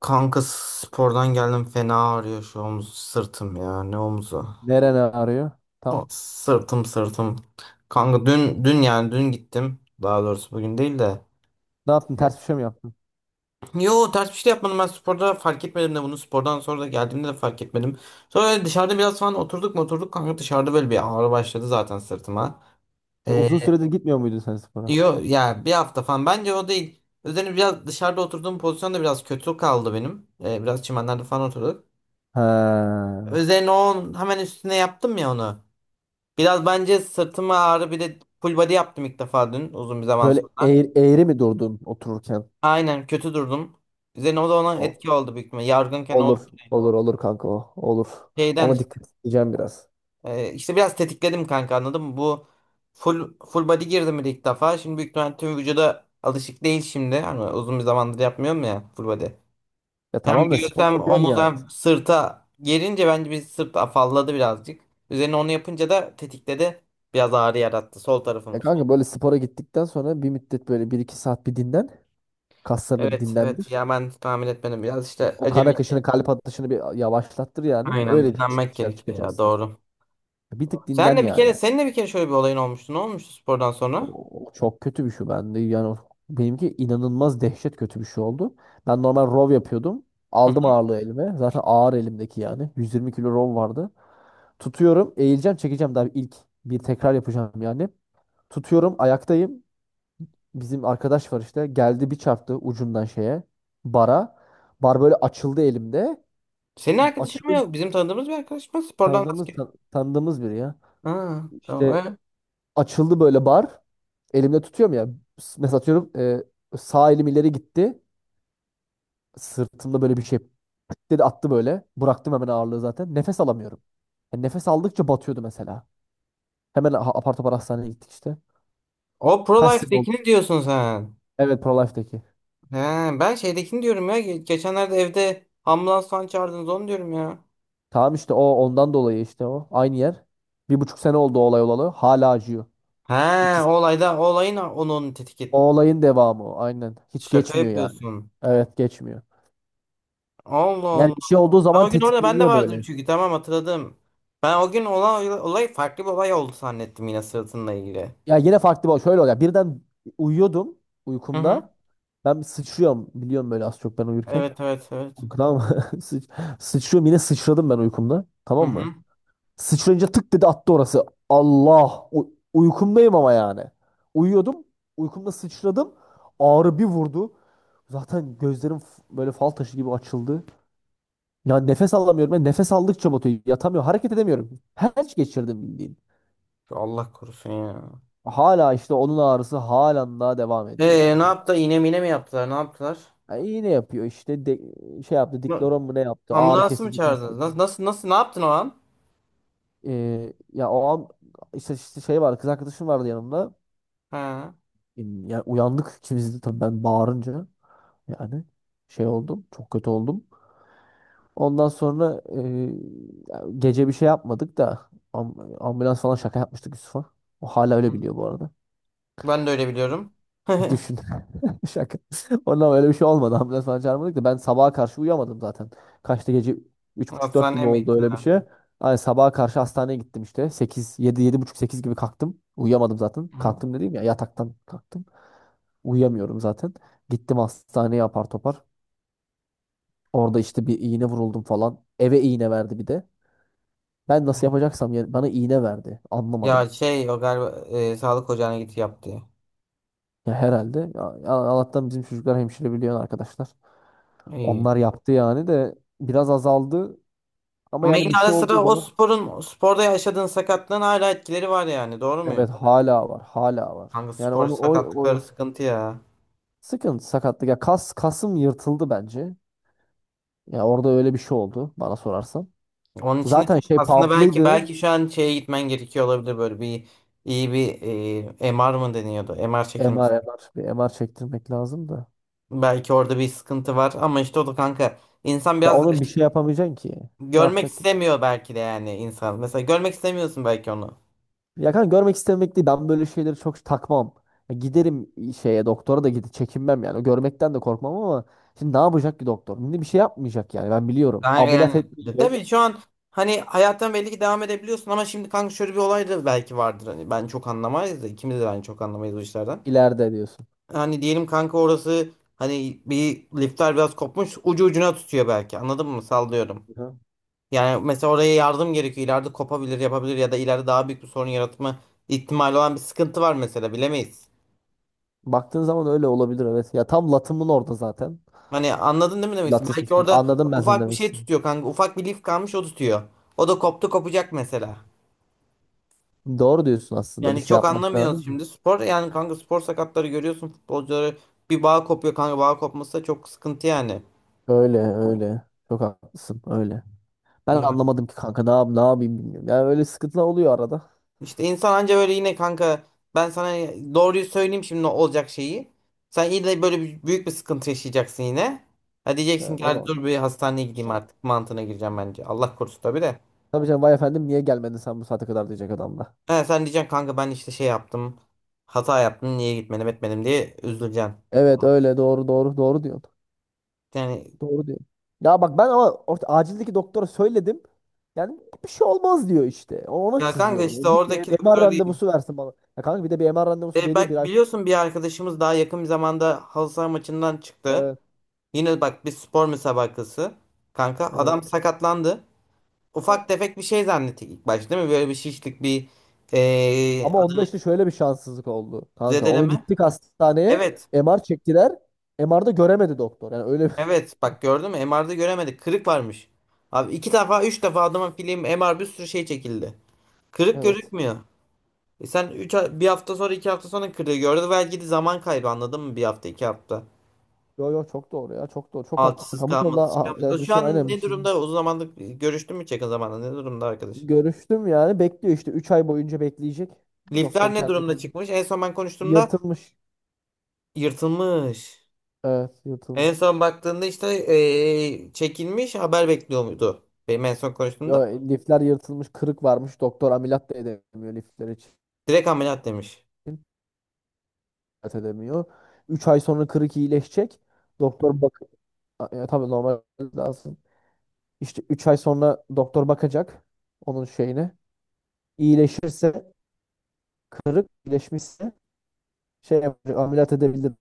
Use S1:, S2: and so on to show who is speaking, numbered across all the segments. S1: Kanka spordan geldim fena ağrıyor şu omuz sırtım ya ne omuzu.
S2: Neren ağrıyor?
S1: O,
S2: Tam.
S1: sırtım. Kanka dün yani dün gittim. Daha doğrusu bugün değil de.
S2: Ne yaptın? Ters bir şey mi yaptın?
S1: Yo, ters bir şey de yapmadım, ben sporda fark etmedim de bunu spordan sonra da geldiğimde de fark etmedim. Sonra dışarıda biraz falan oturduk mu oturduk kanka, dışarıda böyle bir ağrı başladı zaten sırtıma.
S2: Ya uzun
S1: Ee,
S2: süredir gitmiyor muydun sen spora?
S1: Yo ya bir hafta falan bence o değil. Üzerine biraz dışarıda oturduğum pozisyon da biraz kötü kaldı benim. Biraz çimenlerde falan oturduk.
S2: Ha.
S1: Üzerine o, hemen üstüne yaptım ya onu. Biraz bence sırtıma ağrı, bir de full body yaptım ilk defa dün uzun bir zaman
S2: Böyle
S1: sonra.
S2: eğri mi durdun otururken?
S1: Aynen, kötü durdum. Üzerine o da ona
S2: O-
S1: etki oldu büyük ihtimalle. Yargınken o
S2: Olur. Olur kanka o. Olur.
S1: şeyden
S2: Ona
S1: işte,
S2: dikkat edeceğim biraz.
S1: e, işte biraz tetikledim kanka, anladın mı? Bu full body girdim bir de ilk defa. Şimdi büyük ihtimalle tüm vücuda alışık değil şimdi. Hani uzun bir zamandır yapmıyorum ya full body.
S2: Ya
S1: Hem
S2: tamam da
S1: göğüs
S2: spor
S1: hem
S2: yapıyorsun
S1: omuz
S2: nihayet.
S1: hem sırta gelince bence bir sırt afalladı birazcık. Üzerine onu yapınca da tetikledi. Biraz ağrı yarattı sol
S2: Ya
S1: tarafım.
S2: kanka böyle spora gittikten sonra bir müddet böyle bir iki saat bir dinlen. Kaslarını bir
S1: Evet, evet,
S2: dinlendir.
S1: ya ben tahmin etmedim, biraz işte
S2: O kan
S1: acemi.
S2: akışını, kalp atışını bir yavaşlattır yani.
S1: Aynen,
S2: Öyle bir çık
S1: dinlenmek
S2: dışarı
S1: gerekiyor ya,
S2: çıkacaksın.
S1: doğru.
S2: Bir tık dinlen
S1: Senle bir kere
S2: yani.
S1: Seninle bir kere şöyle bir olayın olmuştu. Ne olmuştu spordan
S2: O,
S1: sonra?
S2: o çok kötü bir şey bende. Benimki inanılmaz dehşet kötü bir şey oldu. Ben normal rov yapıyordum.
S1: Hı
S2: Aldım
S1: hı.
S2: ağırlığı elime. Zaten ağır elimdeki yani. 120 kilo rov vardı. Tutuyorum, eğileceğim, çekeceğim daha ilk bir tekrar yapacağım yani. Tutuyorum, ayaktayım. Bizim arkadaş var işte. Geldi bir çarptı ucundan şeye. Bara. Bar böyle açıldı elimde.
S1: Senin arkadaşın mı,
S2: Açıldı,
S1: yok bizim tanıdığımız bir arkadaş mı? Spordan, basket.
S2: tanıdığımız biri ya.
S1: Ha, tamam.
S2: İşte
S1: Evet.
S2: açıldı böyle bar. Elimde tutuyorum ya. Mesela atıyorum, sağ elim ileri gitti. Sırtımda böyle bir şey pıt dedi attı böyle. Bıraktım hemen ağırlığı zaten. Nefes alamıyorum. Yani nefes aldıkça batıyordu mesela. Hemen apar topar hastaneye gittik işte.
S1: O Pro
S2: Kaç sene oldu?
S1: Life'dekini diyorsun sen.
S2: Evet, Prolife'deki.
S1: He, ben şeydekini diyorum ya. Geçenlerde evde ambulans falan çağırdınız, onu diyorum ya.
S2: Tamam işte o ondan dolayı işte o. Aynı yer. Bir buçuk sene oldu o olay olalı. Hala acıyor.
S1: He,
S2: İkisi,
S1: o olayda, o olayın, onun tetik
S2: o
S1: et-
S2: olayın devamı o. Aynen. Hiç
S1: Şaka
S2: geçmiyor yani.
S1: yapıyorsun.
S2: Evet, geçmiyor. Yani
S1: Allah.
S2: bir şey olduğu
S1: Ben
S2: zaman
S1: o gün orada ben de
S2: tetikleniyor
S1: vardım
S2: böyle.
S1: çünkü, tamam hatırladım. Ben o gün olan olay farklı bir olay oldu zannettim, yine sırtınla ilgili.
S2: Ya yine farklı bir şöyle oluyor. Birden uyuyordum
S1: Hı hı.
S2: uykumda. Ben bir sıçrıyorum. Biliyorum böyle az çok ben uyurken.
S1: Evet, evet, evet.
S2: Tamam mı? Sıç- Sıçrıyorum, yine sıçradım ben uykumda.
S1: Hı
S2: Tamam mı?
S1: hı.
S2: Sıçrayınca tık dedi attı orası. Allah! Uykumdayım ama yani. Uyuyordum. Uykumda sıçradım. Ağrı bir vurdu. Zaten gözlerim böyle fal taşı gibi açıldı. Ya nefes alamıyorum. Ben nefes aldıkça batıyor. Yatamıyorum. Hareket edemiyorum. Felç geçirdim bildiğin.
S1: Allah korusun ya.
S2: Hala işte onun ağrısı halen daha devam ediyor yani,
S1: Ne
S2: kanka.
S1: yaptı? İğne mine mi yaptılar? Ne yaptılar?
S2: Ha, iğne yapıyor şey yaptı,
S1: Na-
S2: dikloron mu ne yaptı, ağrı
S1: Ambulansı mı
S2: kesici kas
S1: çağırdınız?
S2: yapıyor.
S1: Nasıl ne yaptın o an?
S2: Ya o an işte şey var, kız arkadaşım vardı yanımda.
S1: Ha.
S2: Ya uyandık ikimiz de tabii, ben bağırınca yani şey oldum, çok kötü oldum. Ondan sonra ya gece bir şey yapmadık da ambulans falan şaka yapmıştık Yusuf'a. O hala öyle biliyor bu arada.
S1: Ben de öyle biliyorum.
S2: Düşün. Şaka. Ondan öyle bir şey olmadı. Ambulans falan çağırmadık da ben sabaha karşı uyuyamadım zaten. Kaçta gece üç buçuk dört gibi
S1: Hastaneye mi
S2: oldu,
S1: gittin,
S2: öyle bir
S1: ha?
S2: şey. Yani sabaha karşı hastaneye gittim işte. Sekiz, yedi, yedi buçuk 8 gibi kalktım. Uyuyamadım zaten.
S1: Hı hı.
S2: Kalktım dediğim ya, yataktan kalktım. Uyuyamıyorum zaten. Gittim hastaneye apar topar. Orada işte bir iğne vuruldum falan. Eve iğne verdi bir de. Ben nasıl yapacaksam yani, bana iğne verdi. Anlamadım.
S1: Ya şey, o galiba sağlık ocağına git yaptı.
S2: Ya herhalde. Ya, Allah'tan bizim çocuklar hemşire biliyor, arkadaşlar.
S1: İyi.
S2: Onlar yaptı yani de biraz azaldı ama
S1: Ama
S2: yani bir
S1: yine ara
S2: şey olduğu
S1: sıra o
S2: zaman
S1: sporda yaşadığın sakatlığın hala etkileri var yani, doğru
S2: evet,
S1: muyum?
S2: hala var, hala var.
S1: Kanka
S2: Yani
S1: spor
S2: onu o,
S1: sakatlıkları
S2: o
S1: sıkıntı ya.
S2: sıkıntı sakatlık, ya kas, kasım yırtıldı bence. Ya orada öyle bir şey oldu bana sorarsan.
S1: Onun için de
S2: Zaten
S1: çok
S2: şey
S1: aslında belki
S2: pumplıydı.
S1: belki şu an şeye gitmen gerekiyor olabilir, böyle bir iyi bir, MR mı deniyordu? MR çekilmesi.
S2: MR, MR, bir MR çektirmek lazım da.
S1: Belki orada bir sıkıntı var ama işte o da kanka, insan
S2: Ya
S1: biraz da
S2: onun bir şey
S1: işte
S2: yapamayacaksın ki. Ne
S1: görmek
S2: yapacak?
S1: istemiyor belki de yani insan. Mesela görmek istemiyorsun belki onu.
S2: Ya kanka, görmek istemek değil. Ben böyle şeyleri çok takmam. Ya giderim şeye, doktora da gidip çekinmem yani. Görmekten de korkmam ama şimdi ne yapacak ki doktor? Şimdi bir şey yapmayacak yani, ben biliyorum.
S1: Kanka
S2: Ameliyat
S1: yani
S2: etmeyecek,
S1: tabii şu an hani hayattan belli ki devam edebiliyorsun ama şimdi kanka şöyle bir olay da belki vardır, hani ben çok anlamayız da, ikimiz de ben çok anlamayız bu işlerden.
S2: ileride diyorsun.
S1: Hani diyelim kanka orası, hani bir lifler biraz kopmuş, ucu ucuna tutuyor belki, anladın mı, sallıyorum.
S2: Hı.
S1: Yani mesela oraya yardım gerekiyor, ileride kopabilir yapabilir ya da ileride daha büyük bir sorun yaratma ihtimali olan bir sıkıntı var mesela, bilemeyiz.
S2: Baktığın zaman öyle olabilir, evet. Ya tam latımın orada zaten.
S1: Hani anladın değil mi demek istiyorum. Belki
S2: Latismusun.
S1: orada
S2: Anladım ben seni,
S1: ufak bir
S2: demek
S1: şey
S2: istedim.
S1: tutuyor kanka, ufak bir lif kalmış o tutuyor. O da koptu kopacak mesela.
S2: Doğru diyorsun, aslında bir
S1: Yani
S2: şey
S1: çok
S2: yapmak
S1: anlamıyoruz
S2: lazım.
S1: şimdi, spor yani kanka, spor sakatları görüyorsun futbolcuları, bir bağ kopuyor kanka, bağ kopması da çok sıkıntı yani.
S2: Öyle öyle. Çok haklısın, öyle. Ben anlamadım ki kanka, ne yap, ne yapayım bilmiyorum. Yani öyle sıkıntılar oluyor arada.
S1: İşte insan anca böyle yine kanka, ben sana doğruyu söyleyeyim şimdi ne olacak şeyi. Sen yine böyle büyük bir sıkıntı yaşayacaksın yine. Ha diyeceksin
S2: Yani
S1: ki,
S2: o
S1: hadi
S2: zaman.
S1: dur bir hastaneye gideyim artık mantığına gireceğim bence. Allah korusun tabii de.
S2: Tabii canım, vay efendim niye gelmedin sen bu saate kadar diyecek adam da.
S1: Ha, sen diyeceksin kanka ben işte şey yaptım. Hata yaptım, niye gitmedim etmedim diye üzüleceksin.
S2: Evet, öyle, doğru, doğru, doğru diyorsun.
S1: Yani
S2: Doğru diyorsun. Ya bak ben ama acildeki doktora söyledim. Yani bir şey olmaz diyor işte. Ona
S1: ya kanka
S2: sızıyorum. Ya
S1: işte
S2: git bir
S1: oradaki
S2: MR
S1: doktora değil.
S2: randevusu versin bana. Ya kanka bir de bir MR randevusu
S1: E,
S2: veriyor bir
S1: bak
S2: ay.
S1: biliyorsun, bir arkadaşımız daha yakın bir zamanda halı saha maçından çıktı.
S2: Evet,
S1: Yine bak, bir spor müsabakası. Kanka adam
S2: evet.
S1: sakatlandı. Ufak tefek bir şey zannettik ilk başta değil mi? Böyle bir şişlik bir eee
S2: Ama onda işte şöyle bir şanssızlık oldu. Kanka onu
S1: zedeleme.
S2: gittik hastaneye.
S1: Evet.
S2: MR çektiler. MR'da göremedi doktor. Yani öyle bir...
S1: Evet. Bak gördün mü? MR'da göremedik. Kırık varmış. Abi 2 defa 3 defa adamın film MR bir sürü şey çekildi. Kırık
S2: Evet.
S1: gözükmüyor. E sen bir hafta sonra 2 hafta sonra kırığı gördü. Belki de zaman kaybı, anladın mı? Bir hafta, 2 hafta.
S2: Yo yo, çok doğru ya. Çok doğru. Çok haklısın.
S1: Altısız
S2: Kamu konuda
S1: kalması.
S2: yani
S1: Şu
S2: şey,
S1: an
S2: aynen bir
S1: ne
S2: şey.
S1: durumda? Uzun zamandır görüştün mü hiç yakın zamanda? Ne durumda arkadaş?
S2: Görüştüm, yani bekliyor işte 3 ay boyunca bekleyecek.
S1: Lifler
S2: Doktor
S1: ne
S2: kendi
S1: durumda
S2: kendine.
S1: çıkmış? En son ben konuştuğumda
S2: Yırtılmış.
S1: yırtılmış.
S2: Evet,
S1: En
S2: yırtılmış.
S1: son baktığında işte, çekilmiş haber bekliyor muydu? Benim en son
S2: Ya,
S1: konuştuğumda.
S2: lifler yırtılmış, kırık varmış. Doktor ameliyat da edemiyor lifler için.
S1: Direkt ameliyat demiş.
S2: Ameliyat edemiyor. 3 ay sonra kırık iyileşecek. Doktor bak, ya, tabii normal lazım. İşte 3 ay sonra doktor bakacak onun şeyine. İyileşirse, kırık iyileşmişse şey yapacak, ameliyat edebilir,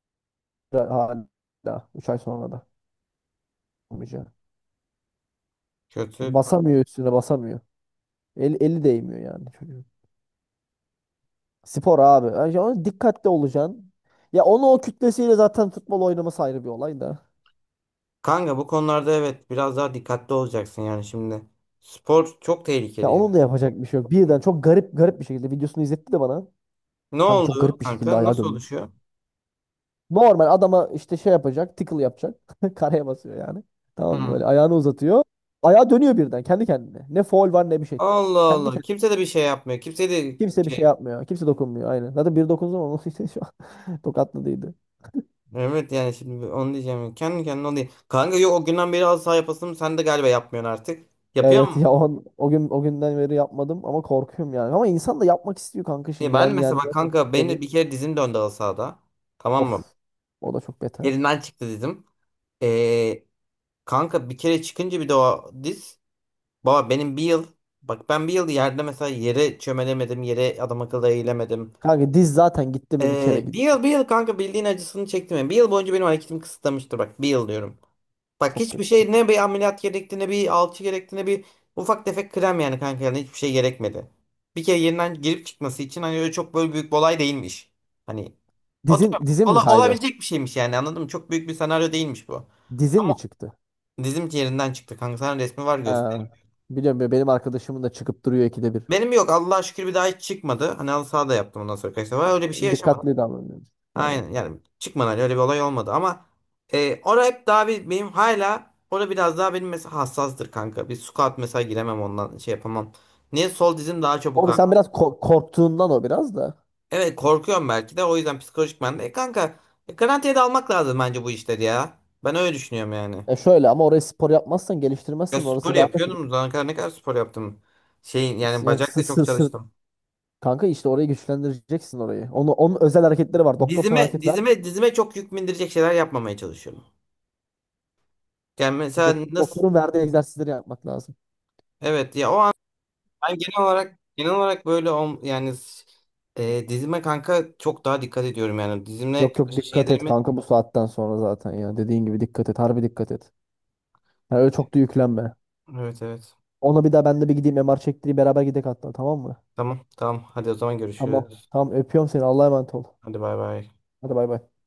S2: hala 3 ay sonra da olmayacak.
S1: Kötü.
S2: Basamıyor, üstüne basamıyor. Eli değmiyor yani çocuğun. Spor abi. Yani ona dikkatli olacaksın. Ya onu o kütlesiyle zaten futbol oynaması ayrı bir olay da.
S1: Kanka bu konularda evet biraz daha dikkatli olacaksın yani şimdi. Spor çok
S2: Ya
S1: tehlikeli yani.
S2: onun da yapacak bir şey yok. Birden çok garip, garip bir şekilde videosunu izletti de bana.
S1: Ne
S2: Kanka çok
S1: oldu
S2: garip bir şekilde
S1: kanka?
S2: ayağa
S1: Nasıl
S2: dönmüş.
S1: oluşuyor?
S2: Normal adama işte şey yapacak, tickle yapacak. Karaya basıyor yani. Tamam mı?
S1: Hı.
S2: Böyle ayağını uzatıyor. Ayağa dönüyor birden kendi kendine. Ne foul var ne bir şey.
S1: Allah
S2: Kendi
S1: Allah.
S2: kendine.
S1: Kimse de bir şey yapmıyor. Kimse de
S2: Kimse bir şey
S1: şey.
S2: yapmıyor. Kimse dokunmuyor. Aynen. Zaten bir dokundu ama şu an tokatladıydı.
S1: Evet yani şimdi onu diyeceğim. Kendi kendine onu diye. Kanka yok, o günden beri halı saha yapasım, sen de galiba yapmıyorsun artık. Yapıyor
S2: Evet
S1: musun?
S2: ya o, o gün, o günden beri yapmadım ama korkuyorum yani. Ama insan da yapmak istiyor kanka
S1: E,
S2: şimdi.
S1: ben
S2: Ben yani
S1: mesela bak kanka benim de
S2: seviyorum.
S1: bir kere dizim döndü halı sahada. Tamam mı?
S2: Of. O da çok betermiş.
S1: Elinden çıktı dizim. Ee, Kanka bir kere çıkınca bir de o diz. Baba benim bir yıl. Bak ben bir yıl yerde mesela yere çömelemedim. Yere adam akıllı eğilemedim.
S2: Kanka diz zaten gitti mi bir kere
S1: Bir
S2: git.
S1: yıl bir yıl kanka bildiğin acısını çektim. Yani bir yıl boyunca benim hareketim kısıtlamıştır. Bak bir yıl diyorum. Bak
S2: Çok
S1: hiçbir
S2: kötü.
S1: şey, ne bir ameliyat gerekti ne bir alçı gerekti ne bir ufak tefek krem, yani kanka yani hiçbir şey gerekmedi. Bir kere yerinden girip çıkması için hani öyle çok böyle büyük bir olay değilmiş. Hani
S2: Dizin
S1: oturuyorum.
S2: dizin mi
S1: Ola-
S2: kaydı?
S1: olabilecek bir şeymiş yani, anladın mı? Çok büyük bir senaryo değilmiş bu.
S2: Dizin mi çıktı?
S1: Dizim yerinden çıktı kanka. Sana resmi var göster.
S2: Ha. Biliyorum ya, benim arkadaşımın da çıkıp duruyor ikide bir.
S1: Benim yok, Allah'a şükür bir daha hiç çıkmadı. Hani halı saha yaptım ondan sonra kaç defa. Öyle bir şey yaşamadım.
S2: Dikkatli davranıyorum. Aynen.
S1: Aynen yani çıkmadı, hani öyle bir olay olmadı ama orada hep daha bir, benim hala orada biraz daha benim mesela hassastır kanka. Bir squat mesela giremem ondan şey yapamam. Niye sol dizim daha çabuk
S2: O
S1: ağrır?
S2: sen biraz korktuğundan o biraz da.
S1: Evet korkuyorum belki de o yüzden psikolojik ben de. E, kanka garantiye de almak lazım bence bu işleri ya. Ben öyle düşünüyorum yani.
S2: E şöyle ama oraya spor yapmazsan,
S1: Ya
S2: geliştirmezsen
S1: spor
S2: orası daha,
S1: yapıyordum. Zamana kadar ne kadar spor yaptım. Şeyin yani
S2: yani
S1: bacak da çok çalıştım.
S2: kanka işte orayı güçlendireceksin orayı. Onu, onun özel hareketleri var. Doktor sana
S1: Dizime
S2: hareket ver.
S1: dizime dizime çok yük bindirecek şeyler yapmamaya çalışıyorum. Yani mesela nasıl
S2: Doktorun verdiği egzersizleri yapmak lazım.
S1: evet ya o an ben genel olarak böyle yani dizime kanka çok daha dikkat ediyorum yani dizimle
S2: Yok yok,
S1: karşı
S2: dikkat et
S1: şeylerimi.
S2: kanka bu saatten sonra zaten ya. Dediğin gibi dikkat et. Harbi dikkat et. Yani öyle çok da yüklenme.
S1: Evet, evet.
S2: Ona bir daha ben de bir gideyim MR çektireyim, beraber gidek hatta, tamam mı?
S1: Tamam, tamam. Hadi o zaman
S2: Tamam.
S1: görüşürüz.
S2: Tamam, öpüyorum seni. Allah'a emanet ol.
S1: Hadi bay bay.
S2: Hadi bay bay.